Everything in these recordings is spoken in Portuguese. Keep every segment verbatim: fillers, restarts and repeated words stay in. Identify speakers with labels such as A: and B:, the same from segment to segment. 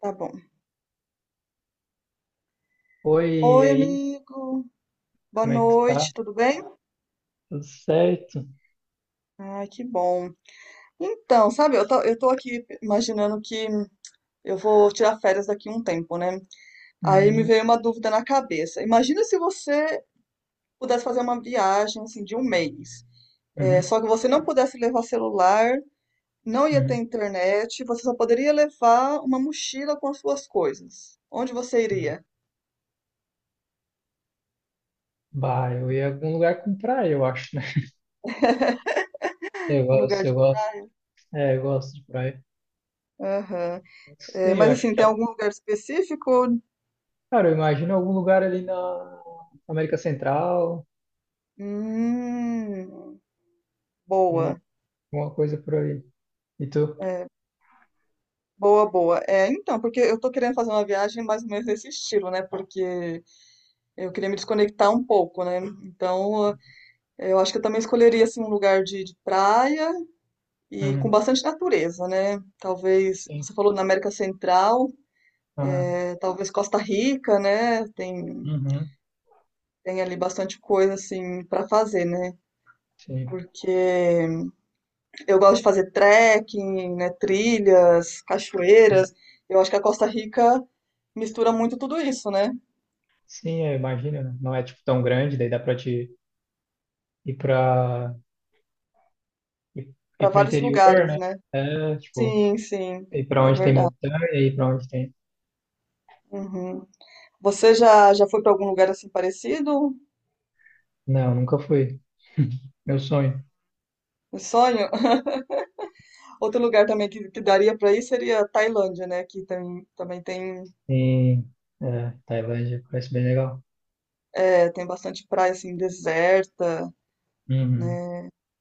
A: Tá bom.
B: Oi, e
A: Oi,
B: aí?
A: amigo. Boa
B: Como é que tu
A: noite,
B: tá?
A: tudo bem?
B: Tudo certo?
A: Ai, que bom. Então, sabe, eu tô, eu tô aqui imaginando que eu vou tirar férias daqui um tempo, né? Aí me
B: Hum,
A: veio uma dúvida na cabeça. Imagina se você pudesse fazer uma viagem, assim, de um mês. É,
B: uhum,
A: só que você não pudesse levar celular, não ia ter
B: uhum.
A: internet, você só poderia levar uma mochila com as suas coisas. Onde você iria?
B: Bah, eu ia em algum lugar com praia, eu acho, né? Eu
A: Um lugar
B: gosto, eu
A: de...
B: gosto. É, eu gosto de praia.
A: Aham.
B: Não
A: É,
B: sei, eu
A: mas
B: acho
A: assim,
B: que...
A: tem
B: é,
A: algum lugar específico?
B: Cara, eu imagino algum lugar ali na América Central,
A: Hum,
B: alguma,
A: boa,
B: alguma coisa por aí. E tu?
A: é, boa, boa. É, então, porque eu tô querendo fazer uma viagem mais ou menos nesse estilo, né? Porque eu queria me desconectar um pouco, né? Então, eh, eu acho que eu também escolheria assim um lugar de, de praia e com
B: Uhum,
A: bastante natureza, né? Talvez,
B: sim.
A: você falou na América Central,
B: Aham.
A: eh, talvez Costa Rica, né? Tem
B: Uhum,
A: tem ali bastante coisa assim para fazer, né?
B: sim.
A: Porque eu gosto de fazer trekking, né, trilhas,
B: Uhum.
A: cachoeiras. Eu acho que a Costa Rica mistura muito tudo isso, né?
B: Sim, eu imagino, né? Não é, tipo, tão grande, daí dá pra te ir pra... ir, ir
A: Para
B: pro
A: vários
B: interior,
A: lugares,
B: né?
A: né?
B: É, tipo...
A: Sim, sim,
B: E pra
A: é
B: onde tem
A: verdade.
B: montanha e pra onde tem.
A: Uhum. Você já, já foi para algum lugar assim parecido?
B: Não, nunca fui. Meu sonho.
A: Um sonho? Outro lugar também que, que daria para ir seria a Tailândia, né? Que tem, também tem,
B: E, é, Tailândia parece bem legal.
A: é, tem bastante praia assim deserta,
B: Uhum.
A: né?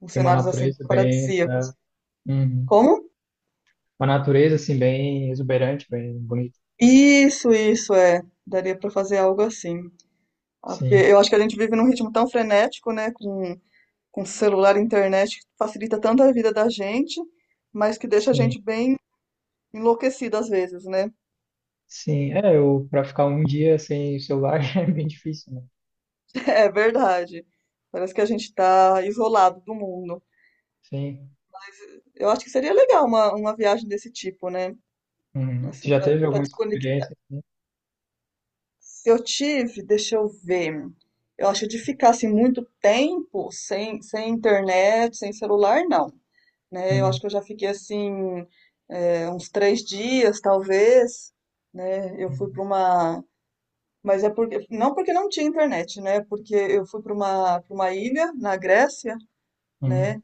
A: Com
B: Tem uma
A: cenários assim
B: natureza bem. é,
A: paradisíacos.
B: uhum.
A: Como?
B: Uma natureza assim, bem exuberante, bem bonita.
A: Isso, isso é. Daria para fazer algo assim. Ah, porque
B: Sim,
A: eu acho que a gente vive num ritmo tão frenético, né, com, com celular e internet, que facilita tanto a vida da gente, mas que deixa a
B: sim,
A: gente bem enlouquecida às vezes, né?
B: sim. É, eu, pra ficar um dia sem o celular é bem difícil, né?
A: É verdade. Parece que a gente tá isolado do mundo.
B: Sim.
A: Eu acho que seria legal uma, uma viagem desse tipo, né?
B: Uhum. Tu
A: Assim,
B: já
A: pra,
B: teve
A: pra
B: alguma
A: desconectar.
B: experiência, assim?
A: Eu tive, deixa eu ver. Eu acho que de ficar assim muito tempo sem, sem internet, sem celular, não, né? Eu acho
B: Uhum.
A: que eu já fiquei assim, é, uns três dias, talvez, né? Eu fui
B: Uhum.
A: para uma. Mas é porque. Não porque não tinha internet, né? Porque eu fui para uma, para uma ilha na Grécia,
B: Uhum.
A: né?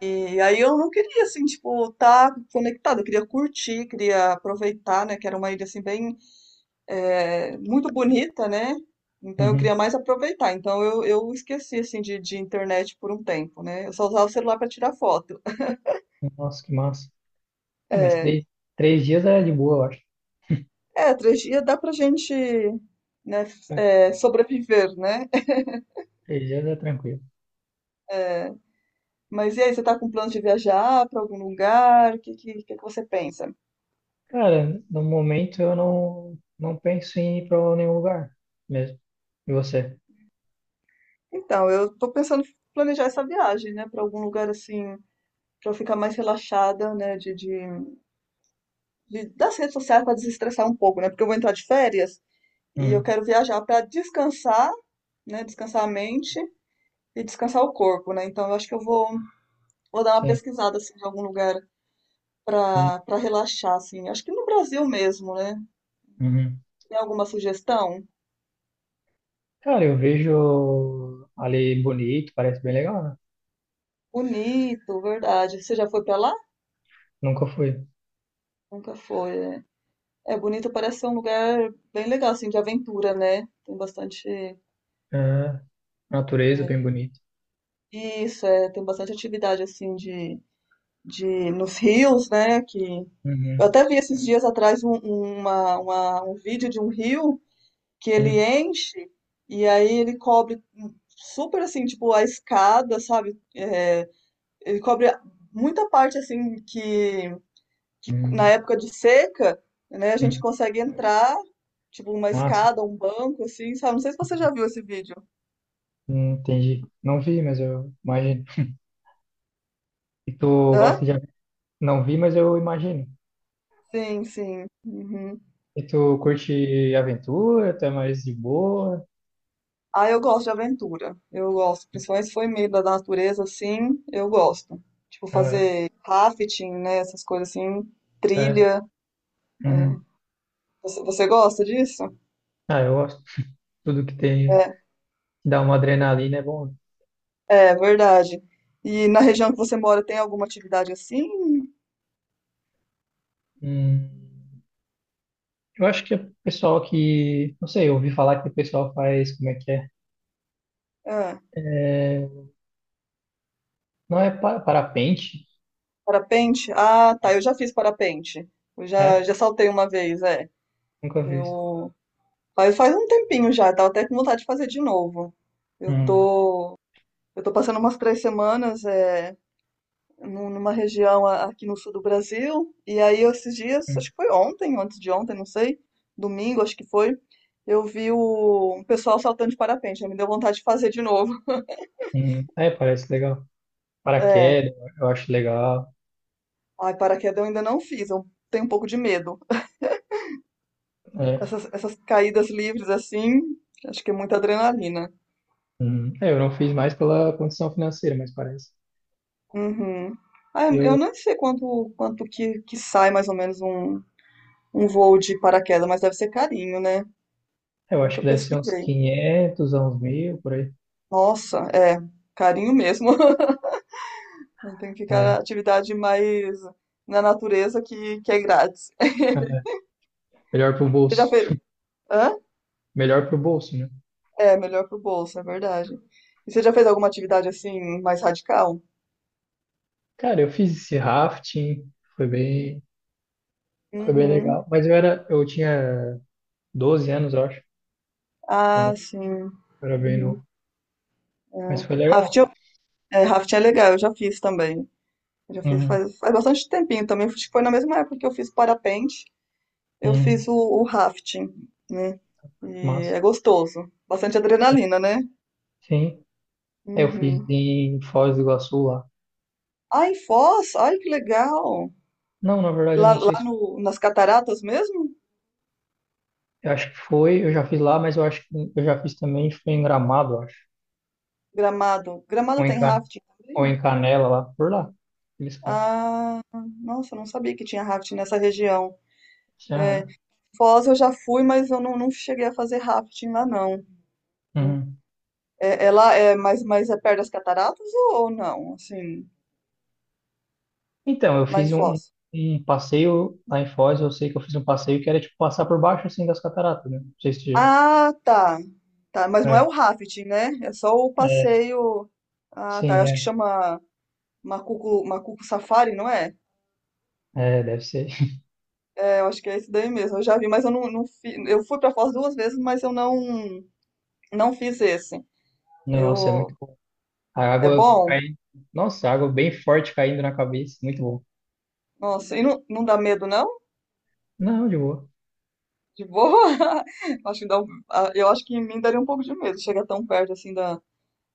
A: E aí eu não queria, assim, tipo, estar conectada. Eu queria curtir, queria aproveitar, né? Que era uma ilha, assim, bem. é, muito bonita, né? Então eu
B: Uhum.
A: queria mais aproveitar. Então eu, eu esqueci, assim, de, de internet por um tempo, né? Eu só usava o celular para tirar foto.
B: Nossa, que massa. É, mas
A: É,
B: três, três dias é de boa, eu acho.
A: É, três dias dá pra gente, né, é, sobreviver, né?
B: Três dias é tranquilo.
A: É, mas e aí, você tá com plano de viajar pra algum lugar? O que, que, que que você pensa?
B: Cara, no momento eu não, não penso em ir para nenhum lugar mesmo. E você?
A: Então, eu tô pensando em planejar essa viagem, né, pra algum lugar assim, pra eu ficar mais relaxada, né, de, de, de- das redes sociais pra desestressar um pouco, né? Porque eu vou entrar de férias e eu
B: Uhum.
A: quero viajar pra descansar, né, descansar a mente e descansar o corpo, né? Então, eu acho que eu vou, vou dar uma
B: Sim,
A: pesquisada assim, de algum lugar
B: sim.
A: para para relaxar, assim. Acho que no Brasil mesmo, né?
B: Uhum.
A: Tem alguma sugestão?
B: Cara, eu vejo ali bonito, parece bem legal, né?
A: Bonito, verdade. Você já foi para lá?
B: Nunca fui.
A: Nunca foi, né? É, Bonito parece ser um lugar bem legal, assim, de aventura, né? Tem bastante.
B: Ah, natureza bem bonita.
A: Isso, é, tem bastante atividade, assim, de, de nos rios, né? Que... Eu
B: Uhum.
A: até vi esses dias atrás um, um, uma, uma- um vídeo de um rio que
B: Uhum.
A: ele enche e aí ele cobre super, assim, tipo, a escada, sabe? É, ele cobre muita parte assim que, que na
B: Uhum.
A: época de seca, né, a gente
B: Uhum.
A: consegue entrar, tipo uma
B: Ah, sim.
A: escada, um banco, assim, sabe? Não sei se você
B: Uhum.
A: já viu esse vídeo.
B: Hum, entendi. Não vi, mas eu imagino. E tu
A: Hã?
B: gosta de... ave- Não vi, mas eu imagino.
A: Sim, sim. Uhum.
B: E tu curte aventura? Tu é mais de boa?
A: Ah, eu gosto de aventura. Eu gosto. Principalmente se for em meio da natureza, assim, eu gosto. Tipo,
B: É,
A: fazer rafting, né? Essas coisas assim,
B: é.
A: trilha. é.
B: Uhum.
A: Você, você gosta disso?
B: Ah, eu gosto. Tudo que tem, que
A: É,
B: dá uma adrenalina é bom.
A: é verdade. E na região que você mora tem alguma atividade assim?
B: Hum, eu acho que o pessoal que, não sei, eu ouvi falar que o pessoal faz, como é que é?
A: Ah.
B: É, não é pa- parapente,
A: Parapente? Ah, tá. Eu já fiz parapente. Eu já,
B: né?
A: já saltei uma vez, é.
B: Nunca fiz.
A: Eu faz, faz um tempinho já, tava até com vontade de fazer de novo. Eu
B: Hum,
A: tô, eu tô passando umas três semanas é, num- numa região a- aqui no sul do Brasil, e aí esses dias, acho
B: hum,
A: que foi ontem, ou antes de ontem, não sei, domingo, acho que foi, eu vi o um pessoal saltando de parapente, aí me deu vontade de fazer de novo.
B: hum. É, parece legal.
A: É,
B: Paraquedas, eu acho legal.
A: ai, paraquedas eu ainda não fiz, eu tenho um pouco de medo.
B: É.
A: Essas, essas caídas livres assim, acho que é muita adrenalina.
B: Hum. É, eu não fiz mais pela condição financeira, mas parece.
A: Uhum. Ah, eu eu
B: Eu,
A: não sei quanto, quanto que, que sai mais ou menos um, um voo de paraquedas, mas deve ser carinho, né?
B: eu acho
A: Nunca
B: que deve ser uns
A: pesquisei.
B: quinhentos, a uns mil, por aí.
A: Nossa, é, carinho mesmo. Tem que
B: É.
A: ficar na
B: é.
A: atividade mais na natureza que, que é grátis.
B: Melhor pro
A: Você já
B: bolso.
A: fez. Hã?
B: Melhor pro bolso, né?
A: É, melhor pro bolso, é verdade. E você já fez alguma atividade assim mais radical?
B: Cara, eu fiz esse rafting, foi bem, foi bem
A: Uhum.
B: legal. Mas eu era, eu tinha doze anos, eu acho. Então
A: Ah, sim.
B: eu era bem
A: Uhum.
B: novo.
A: É.
B: Mas foi legal.
A: É, rafting é legal, eu já fiz também. Eu já fiz
B: Uhum,
A: faz, faz bastante tempinho também. Acho que foi na mesma época que eu fiz parapente, eu
B: uhum,
A: fiz o, o rafting, né? E
B: massa.
A: é gostoso. Bastante
B: Sim,
A: adrenalina, né?
B: sim. Aí eu fiz
A: Uhum.
B: em Foz do Iguaçu lá.
A: Ah, em Foz, ai que legal.
B: Não, na verdade, eu
A: Lá,
B: não sei
A: lá
B: se.
A: no, nas cataratas mesmo?
B: Eu acho que foi, eu já fiz lá, mas eu acho que eu já fiz também, foi em Gramado, eu acho.
A: Gramado.
B: Ou
A: Gramado
B: em,
A: tem
B: Can,
A: rafting
B: ou
A: também?
B: em Canela lá, por lá. Eles cantam.
A: Ah, nossa, eu não sabia que tinha rafting nessa região.
B: Aham,
A: Foz eu já fui, mas eu não, não cheguei a fazer rafting lá, não.
B: uhum.
A: É, é lá é mas, mas é perto das cataratas ou, ou não? Assim,
B: Então, eu
A: lá em
B: fiz um,
A: Foz.
B: um passeio lá em Foz, eu sei que eu fiz um passeio que era tipo passar por baixo assim das cataratas, né? Não sei se.
A: Ah, tá. Tá, mas não é
B: É,
A: o rafting, né? É só o
B: é,
A: passeio. Ah, tá. Eu
B: sim,
A: acho que
B: é.
A: chama Macuco, Macuco Safari, não é?
B: É, deve ser.
A: É, eu acho que é esse daí mesmo. Eu já vi, mas eu não, não fiz. Eu fui pra Foz duas vezes, mas eu não não fiz esse.
B: Nossa, é muito
A: Eu
B: bom. A
A: é
B: água
A: bom.
B: caindo. Nossa, a água bem forte caindo na cabeça, muito bom.
A: Nossa, e não, não dá medo não?
B: Não, de boa.
A: De boa? Acho que dá um- ah, Eu acho que em mim daria um pouco de medo chegar tão perto assim da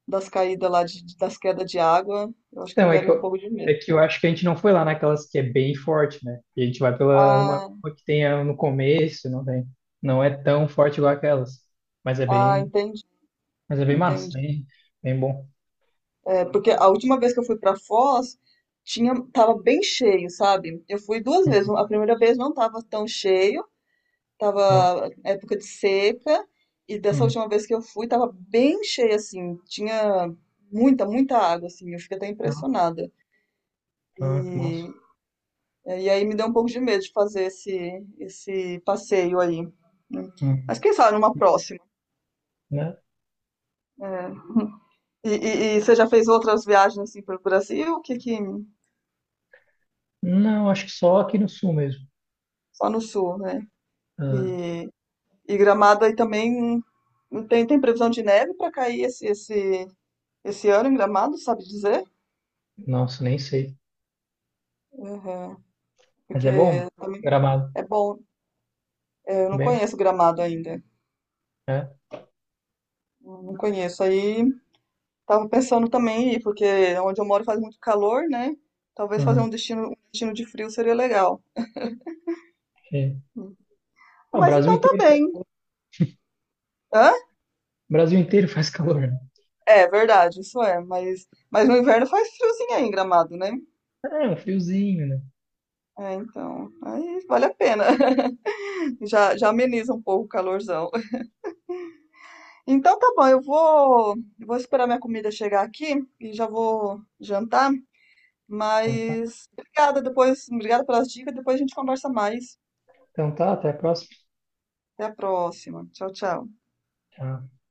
A: das caídas lá, de, das quedas de água, eu acho que me
B: Então, é que
A: daria um
B: eu,
A: pouco de
B: é
A: medo.
B: que eu acho que a gente não foi lá naquelas que é bem forte, né? A gente vai pela uma,
A: Ah,
B: uma que tem a- no começo, não tem. Não é tão forte igual aquelas. Mas é
A: ah,
B: bem,
A: entendi,
B: mas é bem massa,
A: entendi.
B: bem, bem bom.
A: É, porque a última vez que eu fui pra Foz, tinha, tava bem cheio, sabe? Eu fui duas vezes.
B: Uhum.
A: A primeira vez não tava tão cheio, tava época de seca, e dessa
B: Uhum.
A: última vez que eu fui, tava bem cheio, assim. Tinha muita, muita água, assim. Eu fiquei até
B: Uhum.
A: impressionada.
B: Ah, que
A: E,
B: massa.
A: e aí me deu um pouco de medo de fazer esse, esse passeio aí, né? Mas
B: Uhum.
A: quem sabe numa próxima.
B: Né?
A: É. E, e- e você já fez outras viagens assim para o Brasil? Que, que
B: Não, acho que só aqui no sul mesmo.
A: só no sul, né?
B: Ah,
A: E, e Gramado aí também tem, tem previsão de neve para cair esse, esse, esse ano em Gramado, sabe dizer?
B: nossa, nem sei.
A: Uhum.
B: Mas é bom.
A: Porque
B: Gramado
A: é bom, é, eu não
B: também,
A: conheço Gramado ainda.
B: né?
A: Não conheço. Aí tava pensando também em ir, porque onde eu moro faz muito calor, né? Talvez fazer
B: Uhum.
A: um destino, um destino de frio seria legal.
B: É. Ah, o
A: Mas
B: Brasil
A: então tá
B: inteiro
A: bem.
B: faz calor.
A: Hã?
B: O Brasil inteiro faz calor, né?
A: É verdade, isso é. Mas, mas no inverno faz friozinho aí em Gramado, né?
B: É, um friozinho, né?
A: É, então, aí vale a pena. Já, já ameniza um pouco o calorzão. Então tá bom, eu vou, eu vou esperar minha comida chegar aqui e já vou jantar.
B: Então tá,
A: Mas obrigada depois, obrigada pelas dicas. Depois a gente conversa mais.
B: então tá, até a próxima.
A: Até a próxima. Tchau, tchau.
B: Tchau.